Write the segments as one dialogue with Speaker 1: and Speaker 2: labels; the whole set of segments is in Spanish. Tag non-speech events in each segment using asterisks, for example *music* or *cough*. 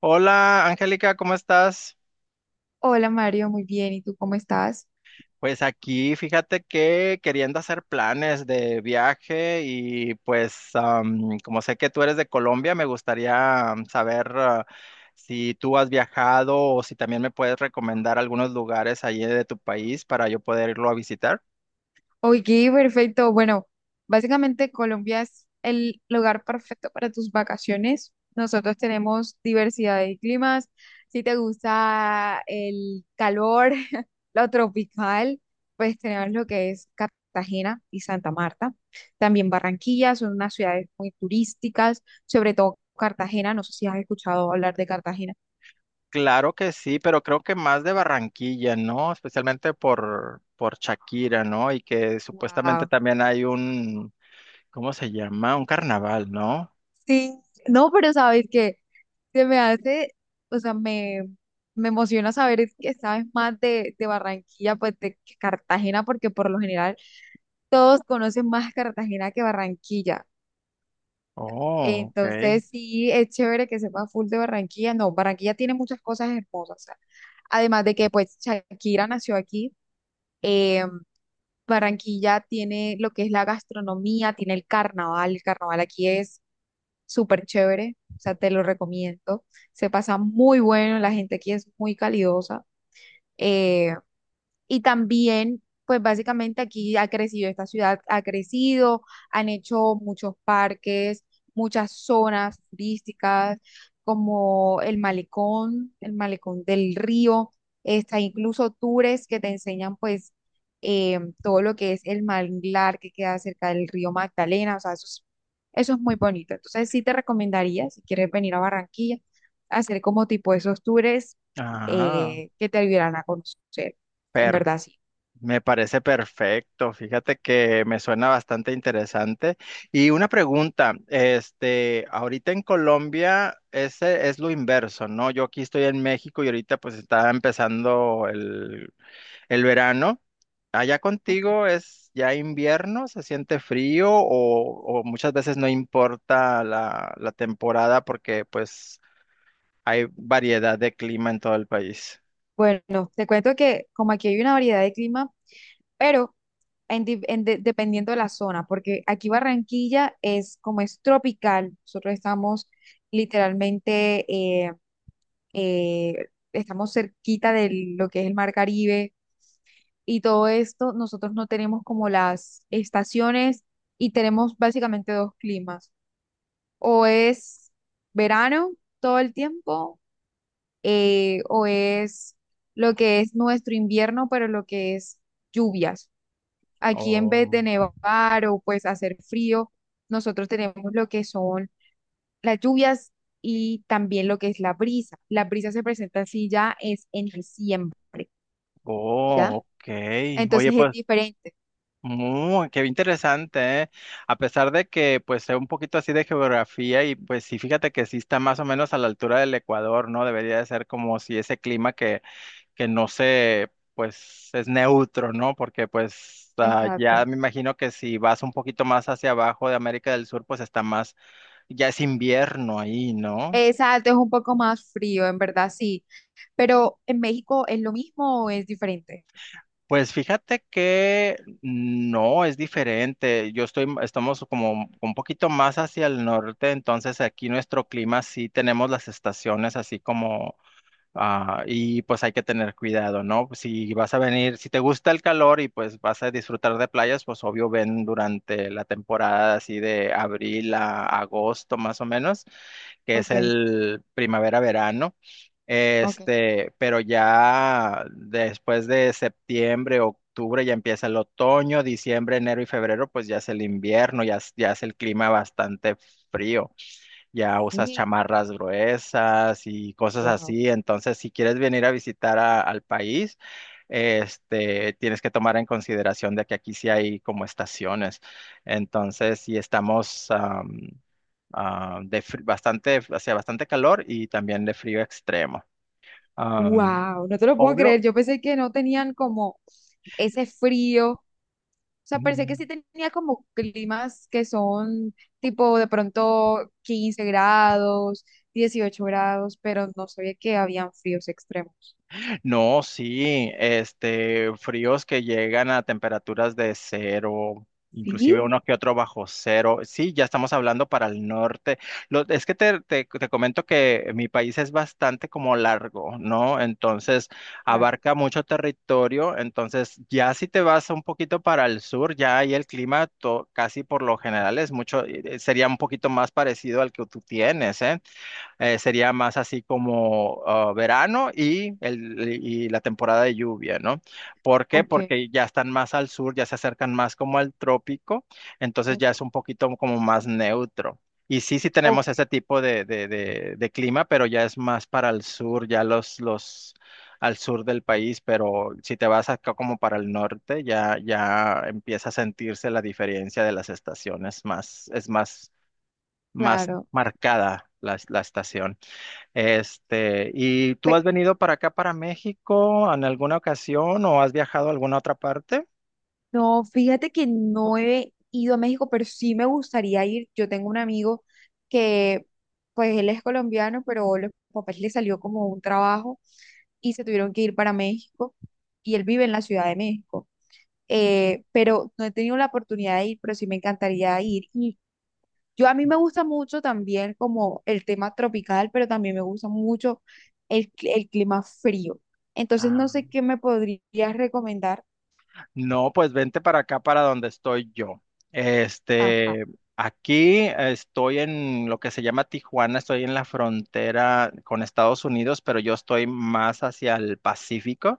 Speaker 1: Hola, Angélica, ¿cómo estás?
Speaker 2: Hola, Mario, muy bien. ¿Y tú cómo estás?
Speaker 1: Pues aquí, fíjate que queriendo hacer planes de viaje y pues como sé que tú eres de Colombia, me gustaría saber si tú has viajado o si también me puedes recomendar algunos lugares allí de tu país para yo poder irlo a visitar.
Speaker 2: Oye, perfecto. Bueno, básicamente Colombia es el lugar perfecto para tus vacaciones. Nosotros tenemos diversidad de climas. Si te gusta el calor, *laughs* lo tropical, pues tenemos lo que es Cartagena y Santa Marta. También Barranquilla, son unas ciudades muy turísticas, sobre todo Cartagena. No sé si has escuchado hablar de Cartagena.
Speaker 1: Claro que sí, pero creo que más de Barranquilla, ¿no? Especialmente por Shakira, ¿no? Y que supuestamente
Speaker 2: Wow.
Speaker 1: también hay un, ¿cómo se llama? Un carnaval, ¿no?
Speaker 2: Sí, no, pero sabes que se me hace, o sea, me emociona saber que sabes más de Barranquilla, pues de que Cartagena, porque por lo general todos conocen más Cartagena que Barranquilla.
Speaker 1: Oh, ok.
Speaker 2: Entonces, sí, es chévere que sepas full de Barranquilla. No, Barranquilla tiene muchas cosas hermosas. O sea, además de que pues Shakira nació aquí, eh, Barranquilla tiene lo que es la gastronomía, tiene el carnaval aquí es súper chévere, o sea, te lo recomiendo. Se pasa muy bueno, la gente aquí es muy calidosa. eh, y también, pues básicamente aquí ha crecido, esta ciudad ha crecido, han hecho muchos parques, muchas zonas turísticas, como el malecón del río, está incluso tours que te enseñan pues todo lo que es el manglar que queda cerca del río Magdalena, o sea, eso es muy bonito. Entonces sí te recomendaría, si quieres venir a Barranquilla, hacer como tipo esos tours
Speaker 1: Ah,
Speaker 2: que te ayudarán a conocer en
Speaker 1: per-
Speaker 2: verdad sí.
Speaker 1: me parece perfecto. Fíjate que me suena bastante interesante. Y una pregunta, este, ahorita en Colombia ese es lo inverso, ¿no? Yo aquí estoy en México y ahorita pues está empezando el verano. Allá
Speaker 2: Ujú.
Speaker 1: contigo es ya invierno, se siente frío o muchas veces no importa la temporada porque pues hay variedad de clima en todo el país.
Speaker 2: Bueno, te cuento que como aquí hay una variedad de clima, pero en di- en de- dependiendo de la zona, porque aquí Barranquilla es como es tropical, nosotros estamos literalmente, eh, estamos cerquita de lo que es el Mar Caribe y todo esto, nosotros no tenemos como las estaciones y tenemos básicamente dos climas, o es verano todo el tiempo o es lo que es nuestro invierno, pero lo que es lluvias. Aquí en vez
Speaker 1: Oh,
Speaker 2: de nevar o pues hacer frío, nosotros tenemos lo que son las lluvias y también lo que es la brisa. La brisa se presenta así ya es en diciembre,
Speaker 1: oh,
Speaker 2: ¿ya?
Speaker 1: ok. Oye,
Speaker 2: Entonces es
Speaker 1: pues,
Speaker 2: diferente.
Speaker 1: muy, qué interesante, ¿eh? A pesar de que, pues, sé un poquito así de geografía y, pues, sí, fíjate que sí está más o menos a la altura del Ecuador, ¿no? Debería de ser como si ese clima que no se, pues, es neutro, ¿no? Porque, pues, ah,
Speaker 2: Exacto.
Speaker 1: ya me imagino que si vas un poquito más hacia abajo de América del Sur, pues, está más, ya es invierno ahí, ¿no?
Speaker 2: Exacto, es un poco más frío, en verdad, sí. Pero en México, ¿es lo mismo o es diferente?
Speaker 1: Pues fíjate que no es diferente. Yo estoy, estamos como un poquito más hacia el norte, entonces aquí nuestro clima sí tenemos las estaciones así como ah, y pues hay que tener cuidado, ¿no? Si vas a venir, si te gusta el calor y pues vas a disfrutar de playas, pues obvio ven durante la temporada así de abril a agosto más o menos, que es
Speaker 2: Okay,
Speaker 1: el primavera-verano.
Speaker 2: okay.
Speaker 1: Este, pero ya después de septiembre, octubre ya empieza el otoño, diciembre, enero y febrero, pues ya es el invierno, ya, ya es el clima bastante frío, ya usas
Speaker 2: Sí,
Speaker 1: chamarras gruesas y cosas
Speaker 2: wow.
Speaker 1: así. Entonces, si quieres venir a visitar al país, este, tienes que tomar en consideración de que aquí sí hay como estaciones. Entonces, si estamos ah, bastante, hacía bastante calor y también de frío extremo. Am,
Speaker 2: Wow, no te lo puedo
Speaker 1: obvio.
Speaker 2: creer. Yo pensé que no tenían como ese frío. O sea, pensé que sí tenía como climas que son tipo de pronto 15 grados, 18 grados, pero no sabía que habían fríos extremos.
Speaker 1: No, sí, este, fríos que llegan a temperaturas de cero,
Speaker 2: Sí.
Speaker 1: inclusive uno que otro bajo cero. Sí, ya estamos hablando para el norte. Es que te comento que mi país es bastante como largo, ¿no? Entonces,
Speaker 2: Claro,
Speaker 1: abarca mucho territorio. Entonces, ya si te vas un poquito para el sur, ya ahí el clima casi por lo general es mucho, sería un poquito más parecido al que tú tienes, ¿eh? Sería más así como ah, verano y, el, y la temporada de lluvia, ¿no? ¿Por qué?
Speaker 2: ok,
Speaker 1: Porque ya están más al sur, ya se acercan más como al trópico, entonces
Speaker 2: ok,
Speaker 1: ya es un poquito como más neutro. Y sí, sí tenemos
Speaker 2: ok,
Speaker 1: ese tipo de clima, pero ya es más para el sur, ya los al sur del país, pero si te vas acá como para el norte, ya, ya empieza a sentirse la diferencia de las estaciones más, es más, más
Speaker 2: claro.
Speaker 1: marcada la estación. Este, ¿y tú has venido para acá, para México, en alguna ocasión o has viajado a alguna otra parte?
Speaker 2: No, fíjate que no he ido a México, pero sí me gustaría ir. Yo tengo un amigo que, pues él es colombiano, pero los papás le salió como un trabajo y se tuvieron que ir para México y él vive en la Ciudad de México. Pero no he tenido la oportunidad de ir, pero sí me encantaría ir. Y yo a mí me gusta mucho también como el tema tropical, pero también me gusta mucho el clima frío. Entonces no
Speaker 1: Ah.
Speaker 2: sé qué me podrías recomendar.
Speaker 1: No, pues vente para acá, para donde estoy yo.
Speaker 2: Ajá,
Speaker 1: Este, aquí estoy en lo que se llama Tijuana, estoy en la frontera con Estados Unidos, pero yo estoy más hacia el Pacífico,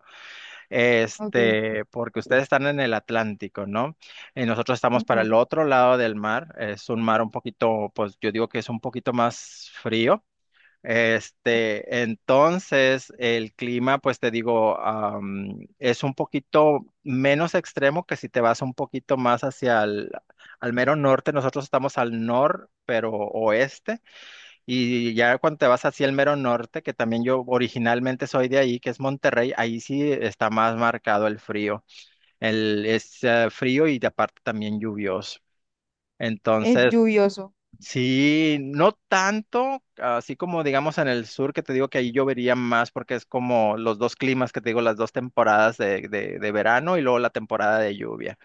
Speaker 2: ok.
Speaker 1: este, porque ustedes están en el Atlántico, ¿no? Y nosotros estamos para el otro lado del mar, es un mar un poquito, pues yo digo que es un poquito más frío.
Speaker 2: Ok.
Speaker 1: Este, entonces el clima, pues te digo, es un poquito menos extremo que si te vas un poquito más hacia el, al mero norte. Nosotros estamos al nor, pero oeste. Y ya cuando te vas hacia el mero norte, que también yo originalmente soy de ahí, que es Monterrey, ahí sí está más marcado el frío. El, es frío y de aparte también lluvioso.
Speaker 2: Es
Speaker 1: Entonces,
Speaker 2: lluvioso.
Speaker 1: sí, no tanto, así como digamos en el sur, que te digo que ahí llovería más porque es como los dos climas que te digo, las dos temporadas de verano y luego la temporada de lluvia.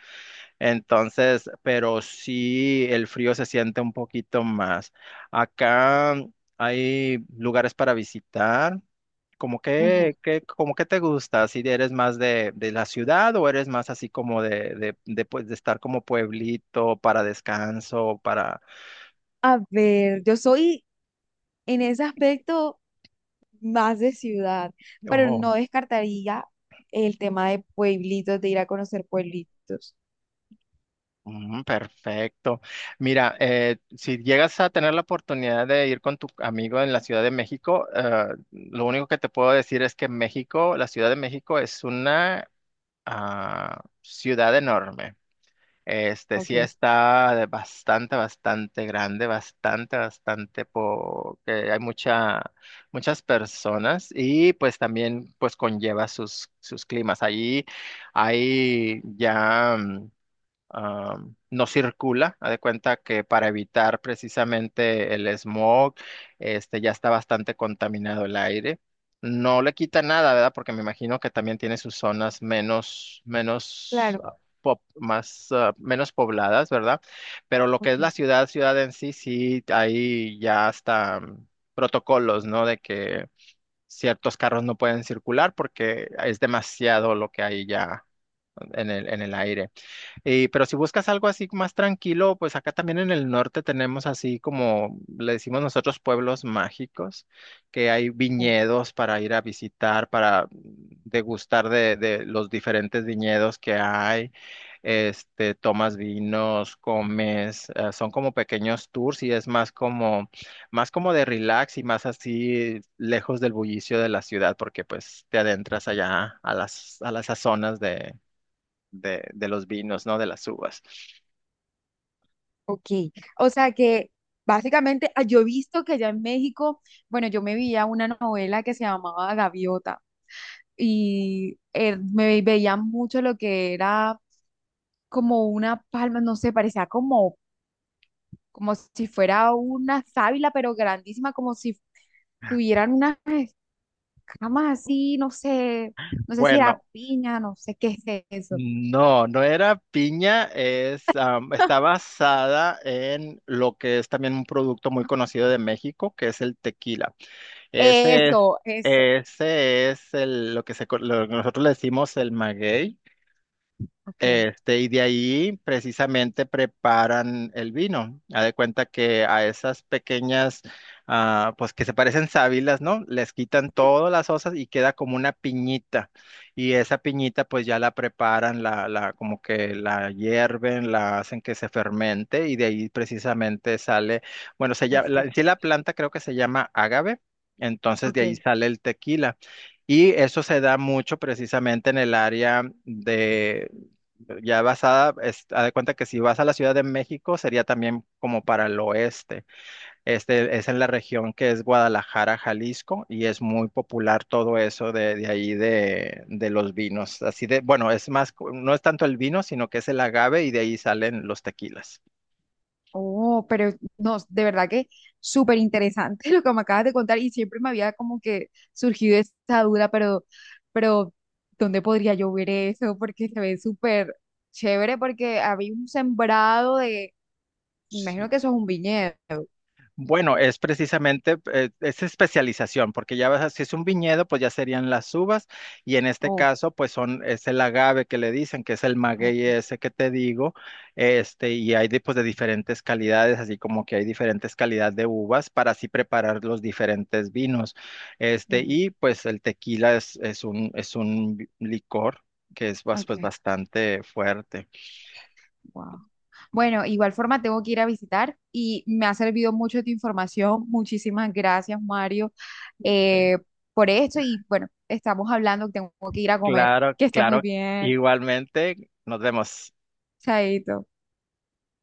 Speaker 1: Entonces, pero sí el frío se siente un poquito más. Acá hay lugares para visitar. ¿Cómo
Speaker 2: Ujú.
Speaker 1: como que te gusta? ¿Si eres más de la ciudad o eres más así como pues, de estar como pueblito para descanso, para...
Speaker 2: A ver, yo soy en ese aspecto más de ciudad, pero
Speaker 1: ojo?
Speaker 2: no descartaría el tema de pueblitos, de ir a conocer pueblitos.
Speaker 1: Mm, perfecto. Mira, si llegas a tener la oportunidad de ir con tu amigo en la Ciudad de México, lo único que te puedo decir es que México, la Ciudad de México es una ah, ciudad enorme. Este
Speaker 2: Ok,
Speaker 1: sí está de bastante, bastante grande, bastante, bastante, porque hay mucha, muchas personas y pues también pues conlleva sus climas. Allí hay ya. mm, no circula. Haz de cuenta que para evitar precisamente el smog, este ya está bastante contaminado el aire. No le quita nada, ¿verdad? Porque me imagino que también tiene sus zonas menos, menos
Speaker 2: claro,
Speaker 1: ah, más, ah, menos pobladas, ¿verdad? Pero lo que es
Speaker 2: ok.
Speaker 1: la ciudad, ciudad en sí, sí, ahí ya hasta mm, protocolos, ¿no? De que ciertos carros no pueden circular porque es demasiado lo que hay ya en el aire. Pero si buscas algo así más tranquilo, pues acá también en el norte tenemos así como le decimos nosotros pueblos mágicos, que hay
Speaker 2: Oh,
Speaker 1: viñedos para ir a visitar, para degustar de los diferentes viñedos que hay. Este, tomas vinos, comes, son como pequeños tours y es más como de relax y más así lejos del bullicio de la ciudad, porque pues te adentras allá a las zonas de los vinos, ¿no? De las uvas.
Speaker 2: ok. O sea que básicamente yo he visto que allá en México, bueno, yo me veía una novela que se llamaba Gaviota y me veía mucho lo que era como una palma, no sé, parecía como si fuera una sábila, pero grandísima, como si tuvieran unas escamas así, no sé, si era
Speaker 1: Bueno,
Speaker 2: piña, no sé qué es eso.
Speaker 1: no, no era piña, es, está
Speaker 2: *laughs*
Speaker 1: basada en lo que es también un producto muy conocido de México, que es el tequila. Ese es,
Speaker 2: Eso, eso.
Speaker 1: ese es el, lo que lo que nosotros le decimos el maguey.
Speaker 2: Ok.
Speaker 1: Este, y de ahí precisamente preparan el vino. Haz de cuenta que a esas pequeñas, ah, pues que se parecen sábilas, ¿no? Les quitan todas las osas y queda como una piñita. Y esa piñita pues ya la preparan, la, como que la hierven, la hacen que se fermente y de ahí precisamente sale, bueno, se llama,
Speaker 2: el
Speaker 1: la, en sí
Speaker 2: tequi.
Speaker 1: la planta creo que se llama agave. Entonces de
Speaker 2: Ok.
Speaker 1: ahí sale el tequila. Y eso se da mucho precisamente en el área de, ya basada, es, haz de cuenta que si vas a la Ciudad de México sería también como para el oeste. Este es en la región que es Guadalajara, Jalisco, y es muy popular todo eso de ahí de los vinos. Así de, bueno, es más, no es tanto el vino, sino que es el agave y de ahí salen los tequilas.
Speaker 2: Oh, pero no, de verdad que súper interesante *laughs* lo que me acabas de contar y siempre me había como que surgido esa duda, pero, ¿dónde podría yo ver eso? Porque se ve súper chévere porque había un sembrado me imagino
Speaker 1: Sí,
Speaker 2: que eso es un viñedo.
Speaker 1: bueno, es precisamente, es especialización, porque ya vas, si es un viñedo, pues ya serían las uvas, y en este
Speaker 2: Oh,
Speaker 1: caso, pues son, es el agave que le dicen, que es el maguey
Speaker 2: okay.
Speaker 1: ese que te digo, este, y hay de, pues, de diferentes calidades, así como que hay diferentes calidades de uvas para así preparar los diferentes vinos, este,
Speaker 2: Ujú.
Speaker 1: y pues el tequila es un licor que es, pues,
Speaker 2: Okay.
Speaker 1: bastante fuerte.
Speaker 2: Wow. Bueno, igual forma tengo que ir a visitar y me ha servido mucho tu información. Muchísimas gracias, Mario, eh, por esto. Y bueno, estamos hablando, tengo que ir a comer.
Speaker 1: Claro,
Speaker 2: Que estés muy
Speaker 1: claro,
Speaker 2: bien.
Speaker 1: igualmente, nos vemos.
Speaker 2: Chaito.